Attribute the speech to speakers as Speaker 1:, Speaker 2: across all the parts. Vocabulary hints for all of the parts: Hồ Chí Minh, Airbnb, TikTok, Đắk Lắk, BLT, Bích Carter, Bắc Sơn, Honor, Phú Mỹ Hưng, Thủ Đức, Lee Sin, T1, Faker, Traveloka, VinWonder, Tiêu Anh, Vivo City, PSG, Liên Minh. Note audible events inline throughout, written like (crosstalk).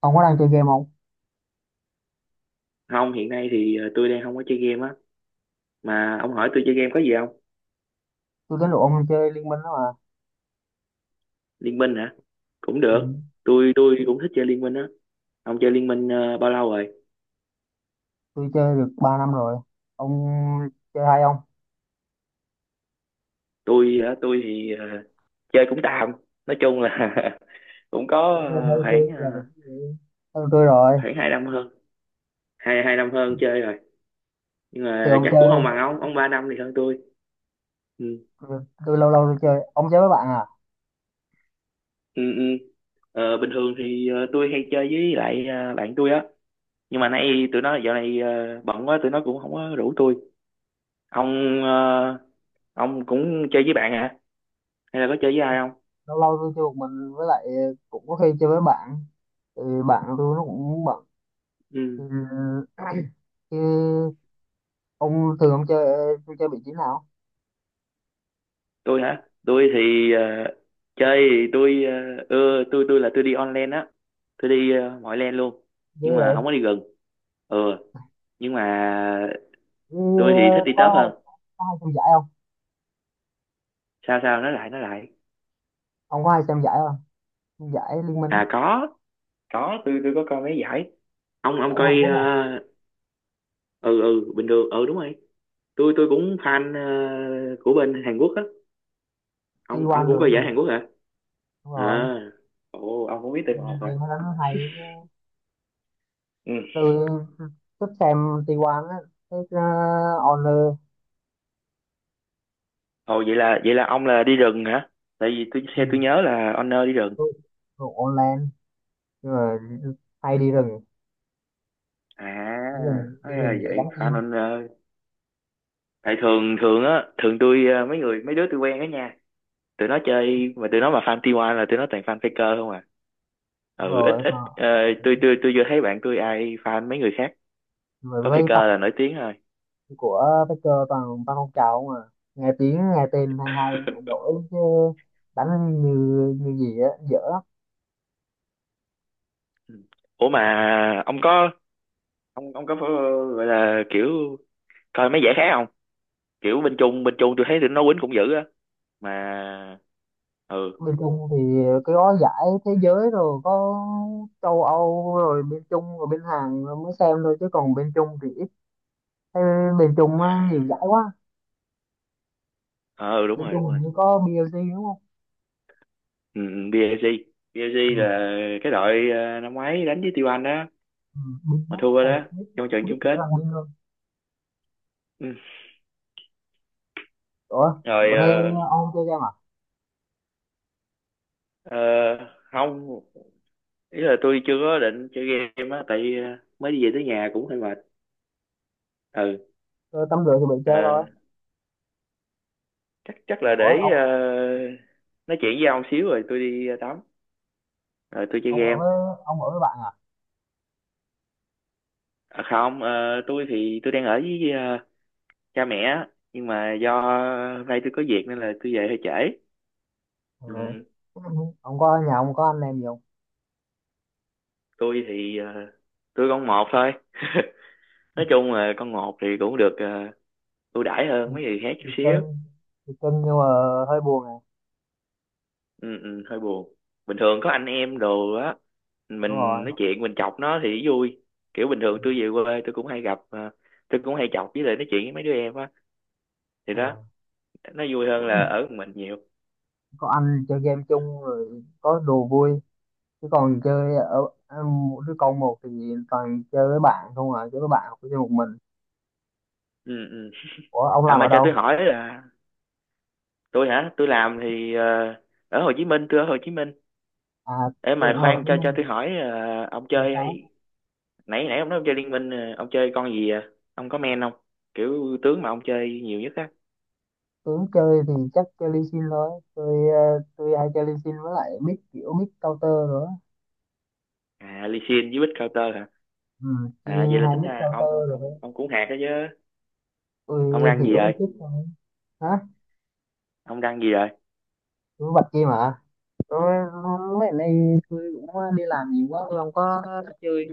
Speaker 1: Ông có đang chơi game không?
Speaker 2: Không, hiện nay thì tôi đang không có chơi game á, mà ông hỏi tôi chơi game có gì không?
Speaker 1: Tôi tính rủ ông chơi Liên Minh đó mà.
Speaker 2: Liên Minh hả? Cũng
Speaker 1: Ừ.
Speaker 2: được. Tôi cũng thích chơi Liên Minh á. Ông chơi Liên Minh bao lâu rồi?
Speaker 1: Tôi chơi được 3 năm rồi. Ông chơi hay không?
Speaker 2: Tôi hả? Tôi thì chơi cũng tạm, nói chung là (laughs) cũng có
Speaker 1: Cũng hay hay hơn
Speaker 2: khoảng
Speaker 1: là được cái gì. Ừ, tôi rồi.
Speaker 2: khoảng 2 năm hơn. Hai hai năm hơn chơi rồi, nhưng
Speaker 1: Từ
Speaker 2: mà
Speaker 1: ông
Speaker 2: chắc cũng
Speaker 1: chơi,
Speaker 2: không bằng ông, 3 năm thì hơn tôi. Ừ,
Speaker 1: tôi, tôi lâu lâu tôi chơi. Ông chơi với bạn à?
Speaker 2: ừ, ừ. Bình thường thì tôi hay chơi với lại bạn tôi á, nhưng mà nay tụi nó dạo này bận quá, tụi nó cũng không có rủ tôi. Ông ờ, ông cũng chơi với bạn hả, hay là có chơi với ai không?
Speaker 1: Lâu lâu tôi chơi một mình với lại cũng có khi chơi với bạn. Thì bạn tôi nó cũng bận.
Speaker 2: Ừ.
Speaker 1: Ừ. (clears throat) Chứ ông thường ông chơi, tôi chơi vị trí nào?
Speaker 2: Tôi hả? Tôi thì chơi thì tôi ưa, tôi là tôi đi online á. Tôi đi mọi lane luôn.
Speaker 1: Ghê
Speaker 2: Nhưng mà
Speaker 1: vậy.
Speaker 2: không có đi gần. Ừ. Nhưng mà
Speaker 1: Ừ,
Speaker 2: tôi thì thích đi
Speaker 1: có
Speaker 2: top hơn.
Speaker 1: hay, có hay xem giải không?
Speaker 2: Sao sao, nói lại nói lại?
Speaker 1: Ông có hay xem giải không? Giải Liên Minh á,
Speaker 2: À có. Tôi có coi mấy giải. Ông
Speaker 1: giải Hàn
Speaker 2: coi.
Speaker 1: Quốc
Speaker 2: ờ,
Speaker 1: à?
Speaker 2: ừ ừ, bình thường, ừ đúng rồi. Tôi cũng fan của bên Hàn Quốc á. Ông
Speaker 1: T1
Speaker 2: cũng coi giải
Speaker 1: rồi.
Speaker 2: Hàn Quốc hả?
Speaker 1: Đúng rồi,
Speaker 2: À, ồ, ông cũng biết từ
Speaker 1: mình
Speaker 2: một
Speaker 1: thấy
Speaker 2: hả?
Speaker 1: đánh nó hay chứ.
Speaker 2: Ừ.
Speaker 1: Tôi thích xem T1 á, thích Honor.
Speaker 2: Ồ, vậy là ông là đi rừng hả? Tại vì tôi
Speaker 1: Ừ,
Speaker 2: xe tôi nhớ là owner đi rừng.
Speaker 1: tôi thuộc online rồi hay đi rừng.
Speaker 2: À,
Speaker 1: Đi
Speaker 2: nói là
Speaker 1: rừng dễ gắn
Speaker 2: vậy
Speaker 1: kim.
Speaker 2: fan anh ơi. Tại thường thường á, thường tôi mấy người mấy đứa tôi quen á nha, tụi nó chơi mà tụi nó mà fan T1 là tụi nó toàn fan Faker không à.
Speaker 1: Đúng
Speaker 2: Ừ, ít
Speaker 1: rồi,
Speaker 2: ít.
Speaker 1: còn
Speaker 2: Tôi chưa thấy bạn tôi ai fan mấy người khác,
Speaker 1: mà
Speaker 2: có
Speaker 1: với fan
Speaker 2: Faker là nổi tiếng thôi.
Speaker 1: của Faker toàn ba con trào không à. Nghe tiếng nghe tên hay hay đổi chứ đánh như như gì á dở.
Speaker 2: Ừ. Ủa mà ông có, ông có phải, gọi là kiểu coi mấy giải khác, kiểu bên Trung tôi thấy tụi nó quýnh cũng dữ á. Mà, ừ,
Speaker 1: Bên Trung thì cái gói giải thế giới rồi có châu Âu rồi bên Trung rồi bên Hàn rồi mới xem thôi, chứ còn bên Trung thì ít. Thế bên Trung á, nhiều
Speaker 2: à,
Speaker 1: giải quá.
Speaker 2: ờ ừ, đúng
Speaker 1: Bên
Speaker 2: rồi
Speaker 1: Trung
Speaker 2: đúng rồi,
Speaker 1: hình như có BLT đúng không.
Speaker 2: ừ, ừ, PSG. PSG
Speaker 1: Ừ.
Speaker 2: là cái đội năm ngoái đánh với Tiêu Anh đó,
Speaker 1: Ừ. Binh
Speaker 2: mà
Speaker 1: đó
Speaker 2: thua đó,
Speaker 1: sao biết.
Speaker 2: trong trận
Speaker 1: Biết
Speaker 2: chung kết.
Speaker 1: mỗi lần binh luôn.
Speaker 2: Ừ.
Speaker 1: Ủa
Speaker 2: Rồi
Speaker 1: bữa nay ông chơi game à.
Speaker 2: ờ, không, ý là tôi chưa có định chơi game á, tại mới đi về tới nhà cũng hơi mệt. Ừ.
Speaker 1: Tôi tắm rửa thì bị
Speaker 2: ờ,
Speaker 1: chơi thôi.
Speaker 2: chắc chắc là
Speaker 1: Ủa
Speaker 2: để nói chuyện với ông xíu rồi tôi đi tắm rồi tôi chơi
Speaker 1: ông ở
Speaker 2: game.
Speaker 1: với ông ở với bạn à?
Speaker 2: À, không. Ờ, tôi thì tôi đang ở với cha mẹ á. Nhưng mà do hôm nay tôi có việc nên là tôi về hơi trễ.
Speaker 1: Ừ.
Speaker 2: Ừ.
Speaker 1: Ông có nhà, ông có anh em gì không?
Speaker 2: Tôi thì tôi con một thôi. Nói chung là con một thì cũng được ưu đãi hơn
Speaker 1: Được
Speaker 2: mấy người khác chút
Speaker 1: Được
Speaker 2: xíu.
Speaker 1: cưng. Được cưng nhưng mà hơi buồn này.
Speaker 2: Ừ, ừ, hơi buồn. Bình thường có anh em đồ á,
Speaker 1: Đúng
Speaker 2: mình
Speaker 1: rồi.
Speaker 2: nói chuyện mình chọc nó thì vui. Kiểu bình thường tôi về quê tôi cũng hay gặp, tôi cũng hay chọc với lại nói chuyện với mấy đứa em á, thì đó,
Speaker 1: Ờ.
Speaker 2: nó vui hơn là ở một mình nhiều.
Speaker 1: Có ăn chơi game chung rồi có đồ vui, chứ còn chơi ở, một đứa con một thì toàn chơi với bạn không à, chơi với bạn hoặc chơi một mình.
Speaker 2: Ừ, ừ.
Speaker 1: Ủa ông
Speaker 2: À
Speaker 1: làm ở
Speaker 2: mà cho tôi
Speaker 1: đâu?
Speaker 2: hỏi là, tôi hả? Tôi làm thì ở Hồ Chí Minh, tôi ở Hồ Chí Minh.
Speaker 1: À
Speaker 2: Ê
Speaker 1: tôi
Speaker 2: mà
Speaker 1: cũng ở Hồ
Speaker 2: khoan,
Speaker 1: Chí
Speaker 2: cho tôi
Speaker 1: Minh
Speaker 2: hỏi ông
Speaker 1: hồi
Speaker 2: chơi,
Speaker 1: đó.
Speaker 2: nãy nãy ông nói ông chơi liên minh, ông chơi con gì à? Ông có men không? Kiểu tướng mà ông chơi nhiều nhất á.
Speaker 1: Tôi cũng chơi thì chắc chơi Lee Sin thôi. Tôi tôi hay chơi Lee Sin với lại mid, kiểu mid counter rồi á.
Speaker 2: À, Lee Sin với Bích Carter hả?
Speaker 1: Ừ,
Speaker 2: À, vậy
Speaker 1: chia
Speaker 2: là
Speaker 1: hai
Speaker 2: tính
Speaker 1: mid
Speaker 2: ra ông
Speaker 1: counter rồi
Speaker 2: ông
Speaker 1: thôi.
Speaker 2: ông cũng hạt đó chứ. Ông
Speaker 1: Tôi
Speaker 2: răng gì
Speaker 1: hiểu một
Speaker 2: rồi?
Speaker 1: chút thôi. Hả?
Speaker 2: Ông răng gì rồi?
Speaker 1: Tôi bạch kia mà. Tôi mấy ngày nay tôi cũng đi làm nhiều quá, tôi không có chơi.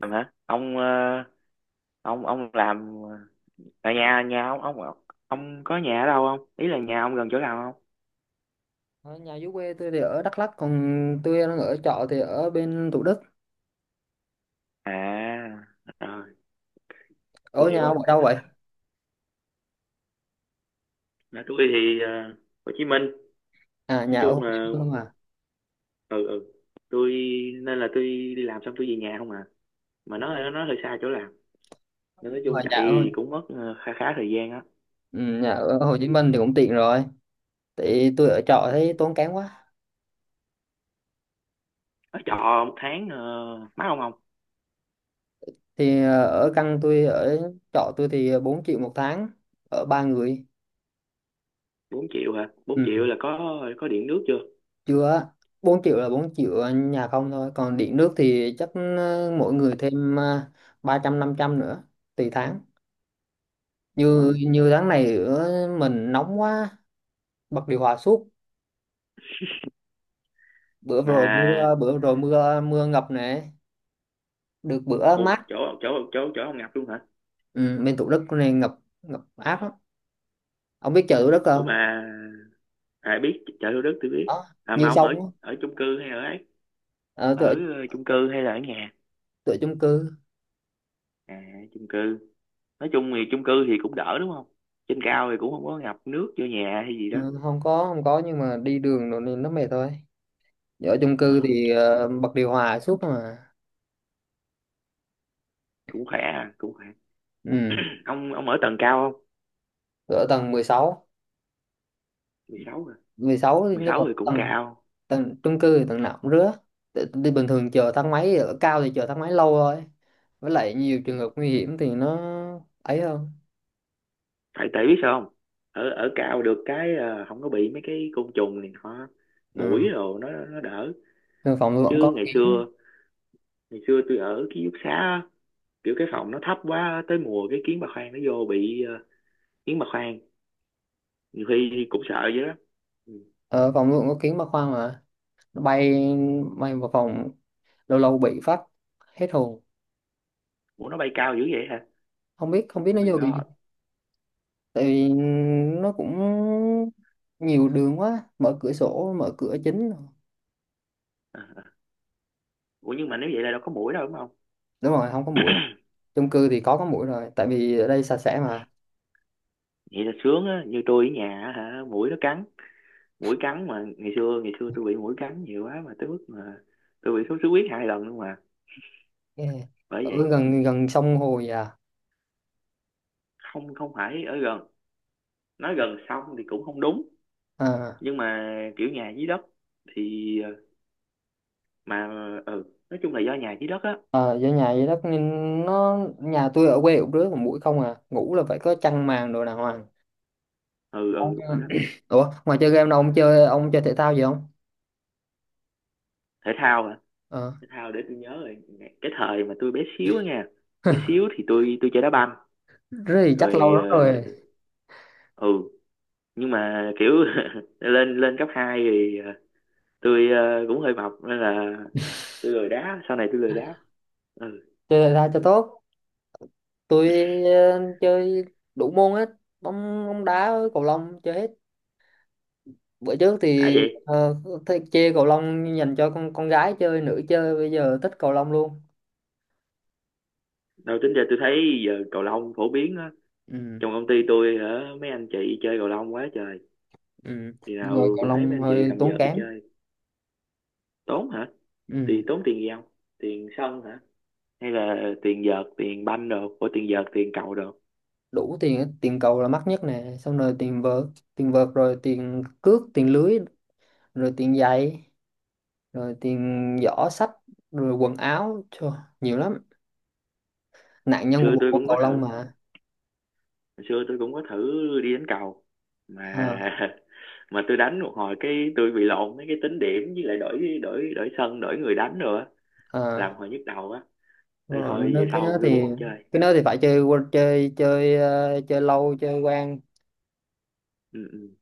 Speaker 2: Làm hả? Ông ông làm ở nhà nhà, ông có nhà ở đâu không? Ý là nhà ông gần chỗ nào không?
Speaker 1: Ở nhà dưới quê tôi thì ở Đắk Lắk, còn tôi đang ở trọ thì ở bên Thủ Đức.
Speaker 2: À rồi, tôi
Speaker 1: Ở nhà
Speaker 2: hiểu rồi.
Speaker 1: ông ở đâu vậy?
Speaker 2: Nhà tôi thì Hồ Chí Minh,
Speaker 1: À
Speaker 2: nói
Speaker 1: nhà ở
Speaker 2: chung
Speaker 1: Hồ Chí
Speaker 2: là,
Speaker 1: Minh không à.
Speaker 2: ừ, ừ, tôi, nên là tôi đi làm xong tôi về nhà không à, mà nó hơi xa chỗ làm, nên
Speaker 1: Nhưng
Speaker 2: nói
Speaker 1: mà
Speaker 2: chung chạy
Speaker 1: nhà ở,
Speaker 2: thì cũng mất khá khá thời gian á.
Speaker 1: ừ, nhà ở Hồ Chí Minh thì cũng tiện rồi. Thì tôi ở trọ thấy tốn kém quá.
Speaker 2: Ở trọ 1 tháng mắc không không?
Speaker 1: Thì ở căn tôi ở trọ tôi thì 4 triệu một tháng, ở ba người.
Speaker 2: 4 triệu hả? bốn
Speaker 1: Ừ,
Speaker 2: triệu là có điện nước chưa?
Speaker 1: chưa á. bốn triệu là 4 triệu nhà không thôi, còn điện nước thì chắc mỗi người thêm ba trăm năm trăm nữa, tùy tháng. Như
Speaker 2: Đó.
Speaker 1: Như tháng này ở mình nóng quá bật điều hòa suốt. Bữa vừa rồi
Speaker 2: Mà,
Speaker 1: mưa, mưa ngập nè. Được bữa
Speaker 2: ồ,
Speaker 1: mát.
Speaker 2: chỗ chỗ chỗ chỗ ông ngập luôn hả?
Speaker 1: Ừ, bên Thủ Đức này ngập ngập ác lắm. Ông biết chợ Thủ Đức
Speaker 2: Ủa
Speaker 1: không?
Speaker 2: mà ai biết chợ Thủ Đức, tôi biết.
Speaker 1: Đó,
Speaker 2: À mà
Speaker 1: như
Speaker 2: ông ở
Speaker 1: sông á.
Speaker 2: ở chung cư hay ở ấy?
Speaker 1: ờ,
Speaker 2: Ở
Speaker 1: tôi ở,
Speaker 2: chung cư hay là ở nhà?
Speaker 1: tôi ở chung cư.
Speaker 2: À, chung cư. Nói chung thì chung cư thì cũng đỡ đúng không? Trên cao thì cũng không có ngập nước vô nhà hay gì đó.
Speaker 1: Ừ, không có, nhưng mà đi đường rồi nên nó mệt thôi. Ở chung
Speaker 2: Ờ.
Speaker 1: cư thì bật điều hòa suốt mà.
Speaker 2: Cũng khỏe à, cũng khỏe.
Speaker 1: Ừ.
Speaker 2: Ông ở tầng cao không?
Speaker 1: Tôi ở tầng mười sáu.
Speaker 2: 16 rồi.
Speaker 1: Mười sáu
Speaker 2: mười
Speaker 1: nhưng mà
Speaker 2: sáu thì cũng
Speaker 1: tầng
Speaker 2: cao.
Speaker 1: tầng chung cư thì tầng nào cũng rứa. Đi bình thường chờ thang máy, ở cao thì chờ thang máy lâu thôi, với lại nhiều
Speaker 2: Ừ.
Speaker 1: trường hợp nguy hiểm thì nó ấy hơn.
Speaker 2: tại tại biết sao không? Ở ở cao được cái, không có bị mấy cái côn trùng này nọ,
Speaker 1: Ừ.
Speaker 2: muỗi rồi nó đỡ.
Speaker 1: Nên phòng tôi vẫn
Speaker 2: Chứ
Speaker 1: có.
Speaker 2: ngày xưa tôi ở ký túc xá á, kiểu cái phòng nó thấp quá, tới mùa cái kiến bà khoang nó vô bị kiến bà khoang, nhiều khi cũng sợ vậy đó. Ừ.
Speaker 1: Ở phòng nó cũng có kiến ba khoang mà. Nó bay bay vào phòng, lâu lâu bị phát hết hồn.
Speaker 2: Ủa nó bay cao dữ vậy hả?
Speaker 1: Không biết
Speaker 2: Oh
Speaker 1: nó
Speaker 2: my
Speaker 1: vô kiểu gì.
Speaker 2: god.
Speaker 1: Tại vì nó cũng nhiều đường quá, mở cửa sổ mở cửa chính.
Speaker 2: À, à. Ủa nhưng mà nếu vậy là đâu có muỗi đâu đúng không?
Speaker 1: Đúng rồi, không có mũi. Chung cư thì có mũi rồi tại vì ở đây sạch sẽ mà.
Speaker 2: Vậy là sướng á, như tôi ở nhà á hả, muỗi nó cắn, mũi cắn mà, ngày xưa tôi bị mũi cắn nhiều quá mà tới mức mà tôi bị sốt xuất huyết 2 lần luôn mà.
Speaker 1: Yeah.
Speaker 2: Bởi
Speaker 1: Ở
Speaker 2: vậy.
Speaker 1: gần gần sông hồ vậy à?
Speaker 2: Không, không phải ở gần, nói gần xong thì cũng không đúng,
Speaker 1: À
Speaker 2: nhưng mà kiểu nhà dưới đất thì mà, ừ, nói chung là do nhà dưới đất á.
Speaker 1: ờ, do nhà vậy đó nên nó. Nhà tôi ở quê cũng rứa, còn mũi không à, ngủ là phải có chăn màn đồ đàng hoàng.
Speaker 2: Ừ, ừ, đúng rồi đó.
Speaker 1: Ủa ngoài chơi game đâu, ông chơi thể thao gì không?
Speaker 2: Thể thao hả?
Speaker 1: Ờ.
Speaker 2: Thể thao để tôi nhớ rồi. Cái thời mà tôi bé xíu á nha, bé xíu
Speaker 1: (laughs)
Speaker 2: thì tôi chơi đá banh.
Speaker 1: Rất thì chắc lâu
Speaker 2: Rồi
Speaker 1: lắm rồi
Speaker 2: ừ, nhưng mà kiểu (laughs) lên lên cấp 2 thì tôi cũng hơi mập nên là tôi lười đá, sau này tôi lười đá. Ừ,
Speaker 1: chơi thể thao cho tốt. Tôi chơi đủ môn hết, bóng bóng đá với cầu lông chơi hết. Bữa trước
Speaker 2: đã
Speaker 1: thì
Speaker 2: vậy.
Speaker 1: ờ, thích chơi cầu lông, dành cho con gái chơi. Nữ chơi bây giờ thích cầu lông luôn.
Speaker 2: Đâu tính ra tôi thấy giờ cầu lông phổ biến á.
Speaker 1: Ừ,
Speaker 2: Trong công ty tôi hả, mấy anh chị chơi cầu lông quá trời.
Speaker 1: ừ.
Speaker 2: Khi
Speaker 1: Nhưng mà
Speaker 2: nào
Speaker 1: cầu
Speaker 2: cũng thấy mấy
Speaker 1: lông
Speaker 2: anh chị
Speaker 1: hơi
Speaker 2: cầm
Speaker 1: tốn
Speaker 2: vợt đi
Speaker 1: kém.
Speaker 2: chơi. Tốn hả?
Speaker 1: Ừ.
Speaker 2: Thì tốn tiền gì không? Tiền sân hả? Hay là tiền vợt, tiền banh đồ, của tiền vợt, tiền cầu đồ. Hồi
Speaker 1: Đủ tiền hết. Tiền cầu là mắc nhất nè, xong rồi tiền vợt rồi tiền cước, tiền lưới, rồi tiền giày, rồi tiền giỏ sách, rồi quần áo. Trời, nhiều lắm. Nạn nhân của
Speaker 2: xưa
Speaker 1: bộ
Speaker 2: tôi
Speaker 1: môn
Speaker 2: cũng có
Speaker 1: cầu lông
Speaker 2: thử,
Speaker 1: mà.
Speaker 2: hồi xưa tôi cũng có thử đi đánh cầu. Mà
Speaker 1: Ờ,
Speaker 2: (laughs) mà tôi đánh một hồi cái tôi bị lộn mấy cái tính điểm, với lại đổi đổi đổi sân, đổi người đánh rồi á,
Speaker 1: ờ.
Speaker 2: làm hồi nhức đầu á.
Speaker 1: Đúng
Speaker 2: Nên
Speaker 1: rồi,
Speaker 2: thôi
Speaker 1: nó
Speaker 2: về sau tôi cũng không chơi.
Speaker 1: cái đó thì phải chơi, chơi chơi lâu chơi quen.
Speaker 2: Ừ, ừ.